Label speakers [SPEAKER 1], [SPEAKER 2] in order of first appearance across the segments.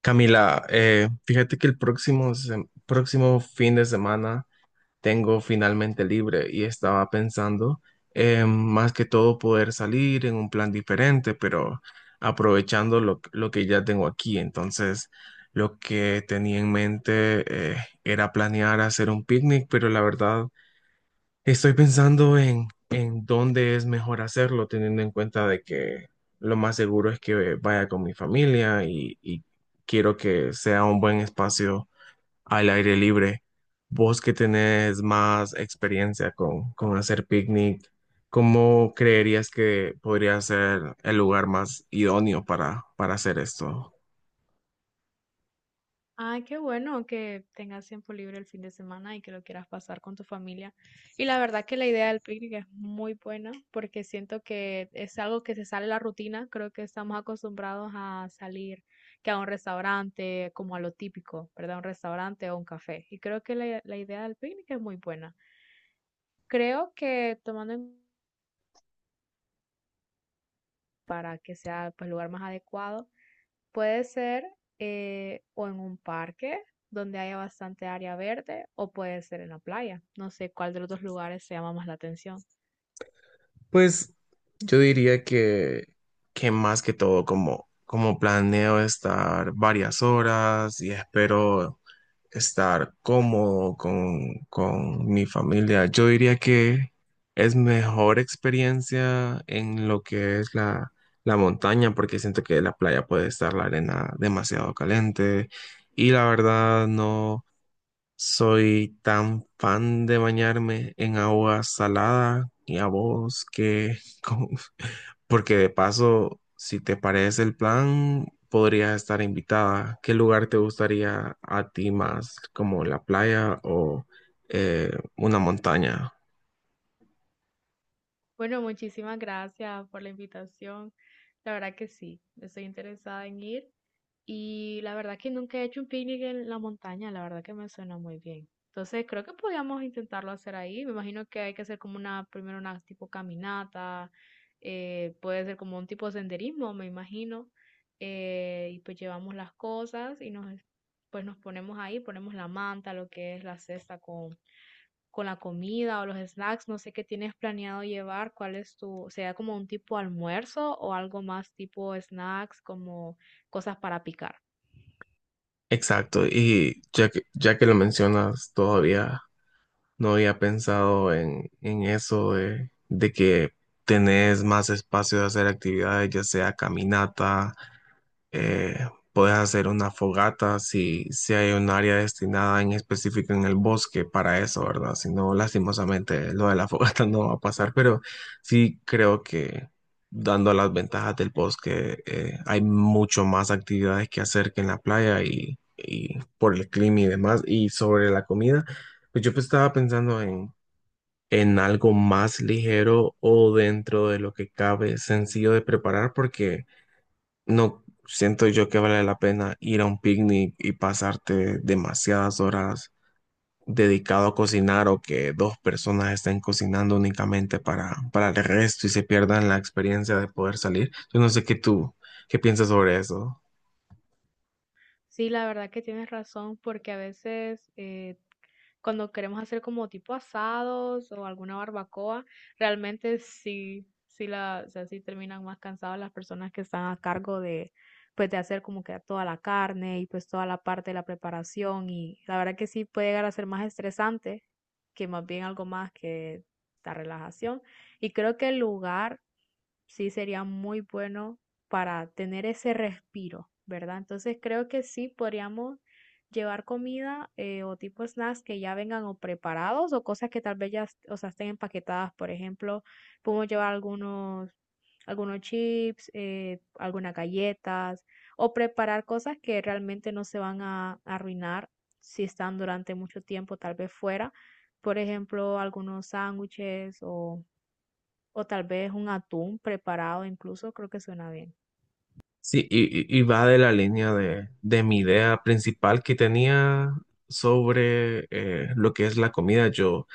[SPEAKER 1] Camila, fíjate que el próximo fin de semana tengo finalmente libre y estaba pensando más que todo poder salir en un plan diferente, pero aprovechando lo que ya tengo aquí. Entonces, lo que tenía en mente era planear hacer un picnic, pero la verdad estoy pensando en dónde es mejor hacerlo, teniendo en cuenta de que lo más seguro es que vaya con mi familia y quiero que sea un buen espacio al aire libre. Vos que tenés más experiencia con hacer picnic, ¿cómo creerías que podría ser el lugar más idóneo para hacer esto?
[SPEAKER 2] Ay, qué bueno que tengas tiempo libre el fin de semana y que lo quieras pasar con tu familia. Y la verdad que la idea del picnic es muy buena porque siento que es algo que se sale de la rutina. Creo que estamos acostumbrados a salir que a un restaurante, como a lo típico, ¿verdad? Un restaurante o un café. Y creo que la idea del picnic es muy buena. Creo que tomando en para que sea pues, el lugar más adecuado. Puede ser, o en un parque donde haya bastante área verde o puede ser en la playa. No sé cuál de los dos lugares se llama más la atención.
[SPEAKER 1] Pues yo diría que más que todo, como planeo estar varias horas y espero estar cómodo con mi familia, yo diría que es mejor experiencia en lo que es la montaña, porque siento que la playa puede estar la arena demasiado caliente y la verdad no. Soy tan fan de bañarme en agua salada y a vos que, porque de paso, si te parece el plan, podrías estar invitada. ¿Qué lugar te gustaría a ti más, como la playa o eh, una montaña?
[SPEAKER 2] Bueno, muchísimas gracias por la invitación. La verdad que sí, estoy interesada en ir. Y la verdad que nunca he hecho un picnic en la montaña, la verdad que me suena muy bien. Entonces creo que podíamos intentarlo hacer ahí. Me imagino que hay que hacer como una, primero una tipo caminata, puede ser como un tipo de senderismo, me imagino. Y pues llevamos las cosas y nos, pues nos ponemos ahí, ponemos la manta, lo que es la cesta con la comida o los snacks. No sé qué tienes planeado llevar, cuál es tu, sea como un tipo almuerzo o algo más tipo snacks, como cosas para picar.
[SPEAKER 1] Exacto, y ya que lo mencionas todavía, no había pensado en eso de que tenés más espacio de hacer actividades, ya sea caminata, eh, podés hacer una fogata si hay un área destinada en específico en el bosque para eso, ¿verdad? Si no, lastimosamente lo de la fogata no va a pasar, pero sí creo que dando las ventajas del bosque, hay mucho más actividades que hacer que en la playa y por el clima y demás, y sobre la comida. Pues yo estaba pensando en algo más ligero o dentro de lo que cabe, sencillo de preparar, porque no siento yo que vale la pena ir a un picnic y pasarte demasiadas horas dedicado a cocinar o que dos personas estén cocinando únicamente para el resto y se pierdan la experiencia de poder salir. Yo no sé qué tú, qué piensas sobre eso.
[SPEAKER 2] Sí, la verdad que tienes razón, porque a veces, cuando queremos hacer como tipo asados o alguna barbacoa, realmente sí, sí la, o sea, sí terminan más cansadas las personas que están a cargo de, pues de hacer como que toda la carne y pues toda la parte de la preparación y la verdad que sí puede llegar a ser más estresante que más bien algo más que la relajación. Y creo que el lugar sí sería muy bueno para tener ese respiro, ¿verdad? Entonces creo que sí podríamos llevar comida o tipo snacks que ya vengan o preparados o cosas que tal vez ya, o sea, estén empaquetadas. Por ejemplo, podemos llevar algunos chips, algunas galletas o preparar cosas que realmente no se van a arruinar si están durante mucho tiempo tal vez fuera. Por ejemplo, algunos sándwiches o tal vez un atún preparado, incluso creo que suena bien.
[SPEAKER 1] Sí, y va de la línea de mi idea principal que tenía sobre lo que es la comida. Yo,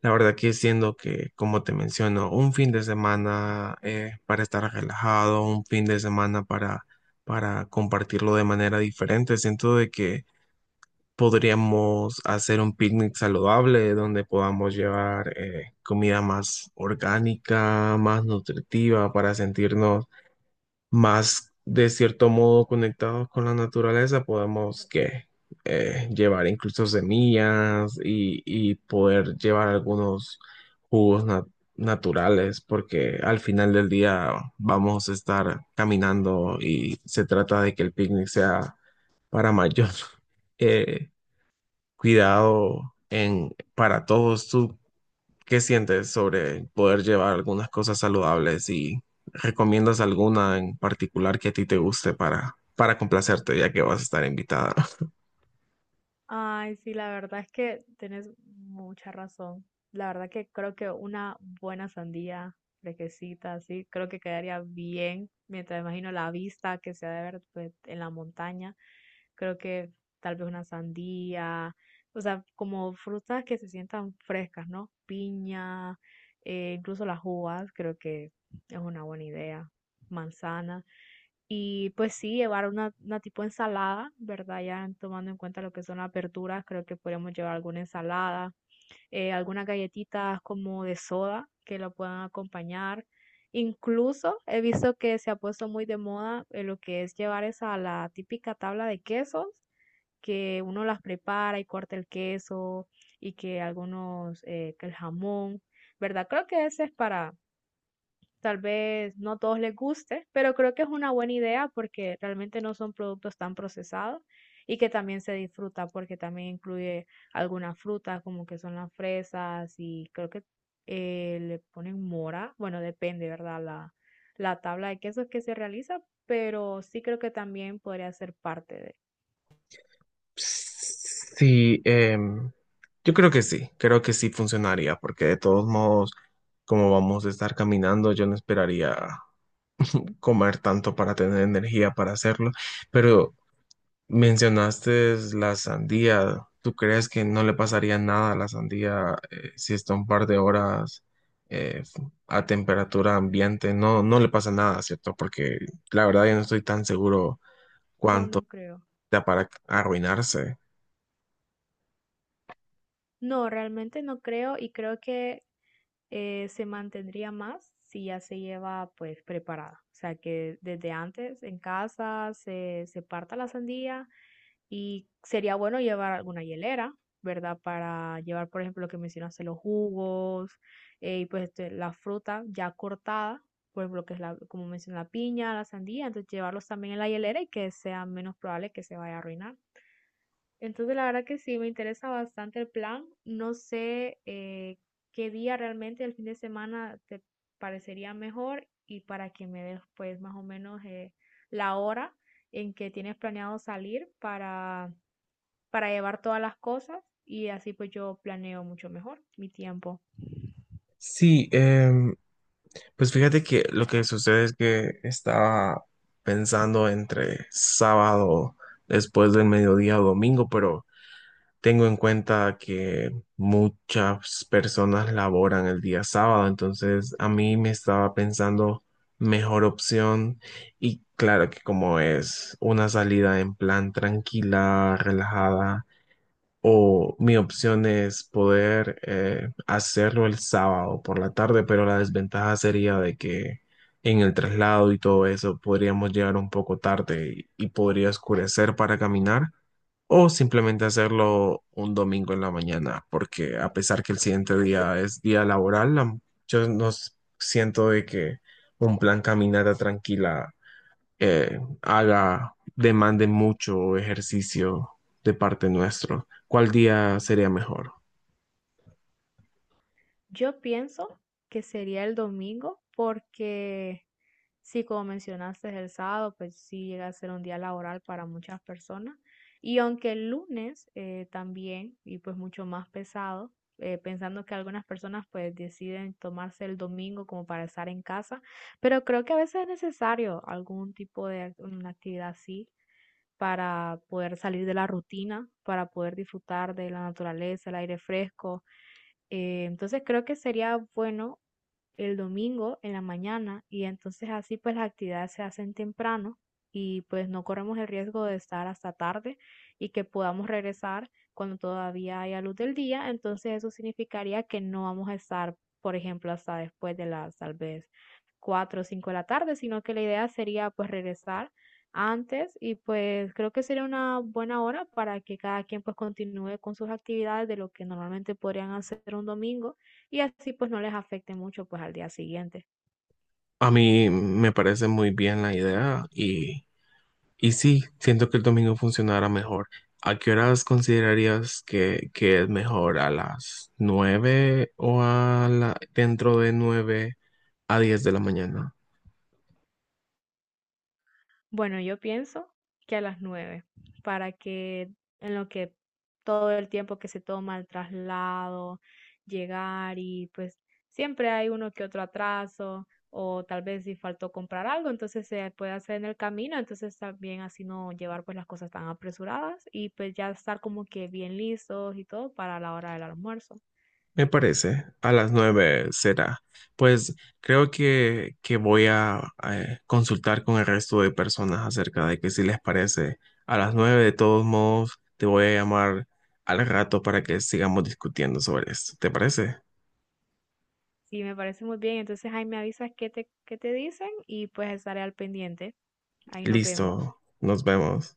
[SPEAKER 1] la verdad que siendo que, como te menciono, un fin de semana para estar relajado, un fin de semana para compartirlo de manera diferente, siento de que podríamos hacer un picnic saludable donde podamos llevar comida más orgánica, más nutritiva para sentirnos más de cierto modo conectados con la naturaleza, podemos que llevar incluso semillas y poder llevar algunos jugos na- naturales, porque al final del día vamos a estar caminando y se trata de que el picnic sea para mayor eh, cuidado para todos. ¿Tú ¿Qué sientes sobre poder llevar algunas cosas saludables y recomiendas alguna en particular que a ti te guste para complacerte, ya que vas a estar invitada?
[SPEAKER 2] Ay, sí, la verdad es que tienes mucha razón. La verdad que creo que una buena sandía fresquecita, así, creo que quedaría bien. Mientras imagino la vista que se ha de ver pues, en la montaña, creo que tal vez una sandía, o sea, como frutas que se sientan frescas, ¿no? Piña, incluso las uvas, creo que es una buena idea. Manzana. Y pues sí, llevar una tipo ensalada, ¿verdad? Ya tomando en cuenta lo que son las verduras, creo que podríamos llevar alguna ensalada, algunas galletitas como de soda que lo puedan acompañar. Incluso he visto que se ha puesto muy de moda, lo que es llevar esa la típica tabla de quesos, que uno las prepara y corta el queso y que algunos, que el jamón, ¿verdad? Creo que ese es para tal vez no todos les guste, pero creo que es una buena idea porque realmente no son productos tan procesados y que también se disfruta porque también incluye algunas frutas como que son las fresas y creo que le ponen mora. Bueno, depende, ¿verdad? La tabla de quesos que se realiza, pero sí creo que también podría ser parte de...
[SPEAKER 1] Sí, yo creo que sí funcionaría, porque de todos modos, como vamos a estar caminando, yo no esperaría comer tanto para tener energía para hacerlo, pero mencionaste la sandía. ¿Tú crees que no le pasaría nada a la sandía si está un par de horas eh, f- a temperatura ambiente? No, no le pasa nada, ¿cierto? Porque la verdad yo no estoy tan seguro
[SPEAKER 2] O
[SPEAKER 1] cuánto
[SPEAKER 2] no creo.
[SPEAKER 1] da para arruinarse.
[SPEAKER 2] No, realmente no creo y creo que se mantendría más si ya se lleva pues preparada. O sea que desde antes en casa se parta la sandía y sería bueno llevar alguna hielera, ¿verdad? Para llevar, por ejemplo, lo que mencionaste, los jugos, y pues este, la fruta ya cortada, por ejemplo, que es la, como mencioné, la piña, la sandía, entonces llevarlos también en la hielera y que sea menos probable que se vaya a arruinar. Entonces, la verdad que sí, me interesa bastante el plan. No sé, qué día realmente el fin de semana te parecería mejor y para que me des pues más o menos, la hora en que tienes planeado salir para llevar todas las cosas y así pues yo planeo mucho mejor mi tiempo.
[SPEAKER 1] Sí, pues fíjate que lo que sucede es que estaba pensando entre sábado después del mediodía o domingo, pero tengo en cuenta que muchas personas laboran el día sábado, entonces a mí me estaba pensando mejor opción y claro que como es una salida en plan tranquila, relajada, o mi opción es poder hacerlo el sábado por la tarde, pero la desventaja sería de que en el traslado y todo eso podríamos llegar un poco tarde y podría oscurecer para caminar o simplemente hacerlo un domingo en la mañana, porque a pesar que el siguiente día es día laboral, yo no s- siento de que un plan caminata tranquila demande mucho ejercicio de parte nuestro. ¿Cuál día sería mejor?
[SPEAKER 2] Yo pienso que sería el domingo porque sí, como mencionaste, el sábado, pues sí llega a ser un día laboral para muchas personas. Y aunque el lunes, también, y pues mucho más pesado, pensando que algunas personas pues deciden tomarse el domingo como para estar en casa, pero creo que a veces es necesario algún tipo de una actividad así para poder salir de la rutina, para poder disfrutar de la naturaleza, el aire fresco, entonces creo que sería bueno el domingo en la mañana y entonces así pues las actividades se hacen temprano y pues no corremos el riesgo de estar hasta tarde y que podamos regresar cuando todavía haya luz del día, entonces eso significaría que no vamos a estar, por ejemplo, hasta después de las tal vez 4 o 5 de la tarde, sino que la idea sería pues regresar antes y pues creo que sería una buena hora para que cada quien pues continúe con sus actividades de lo que normalmente podrían hacer un domingo y así pues no les afecte mucho pues al día siguiente.
[SPEAKER 1] A mí me parece muy bien la idea y sí, siento que el domingo funcionará mejor. ¿A qué horas considerarías que es mejor? ¿A las 9 o a la, dentro de 9 a 10 de la mañana?
[SPEAKER 2] Bueno, yo pienso que a las 9 para que en lo que todo el tiempo que se toma el traslado, llegar y pues siempre hay uno que otro atraso o tal vez si faltó comprar algo, entonces se puede hacer en el camino, entonces también así no llevar pues las cosas tan apresuradas y pues ya estar como que bien listos y todo para la hora del almuerzo.
[SPEAKER 1] Me parece, a las 9 será. Pues creo que voy a consultar con el resto de personas acerca de que si les parece. A las 9 de todos modos te voy a llamar al rato para que sigamos discutiendo sobre esto. ¿Te parece?
[SPEAKER 2] Sí, me parece muy bien. Entonces ahí me avisas qué te dicen y pues estaré al pendiente. Ahí nos vemos.
[SPEAKER 1] Listo, nos vemos.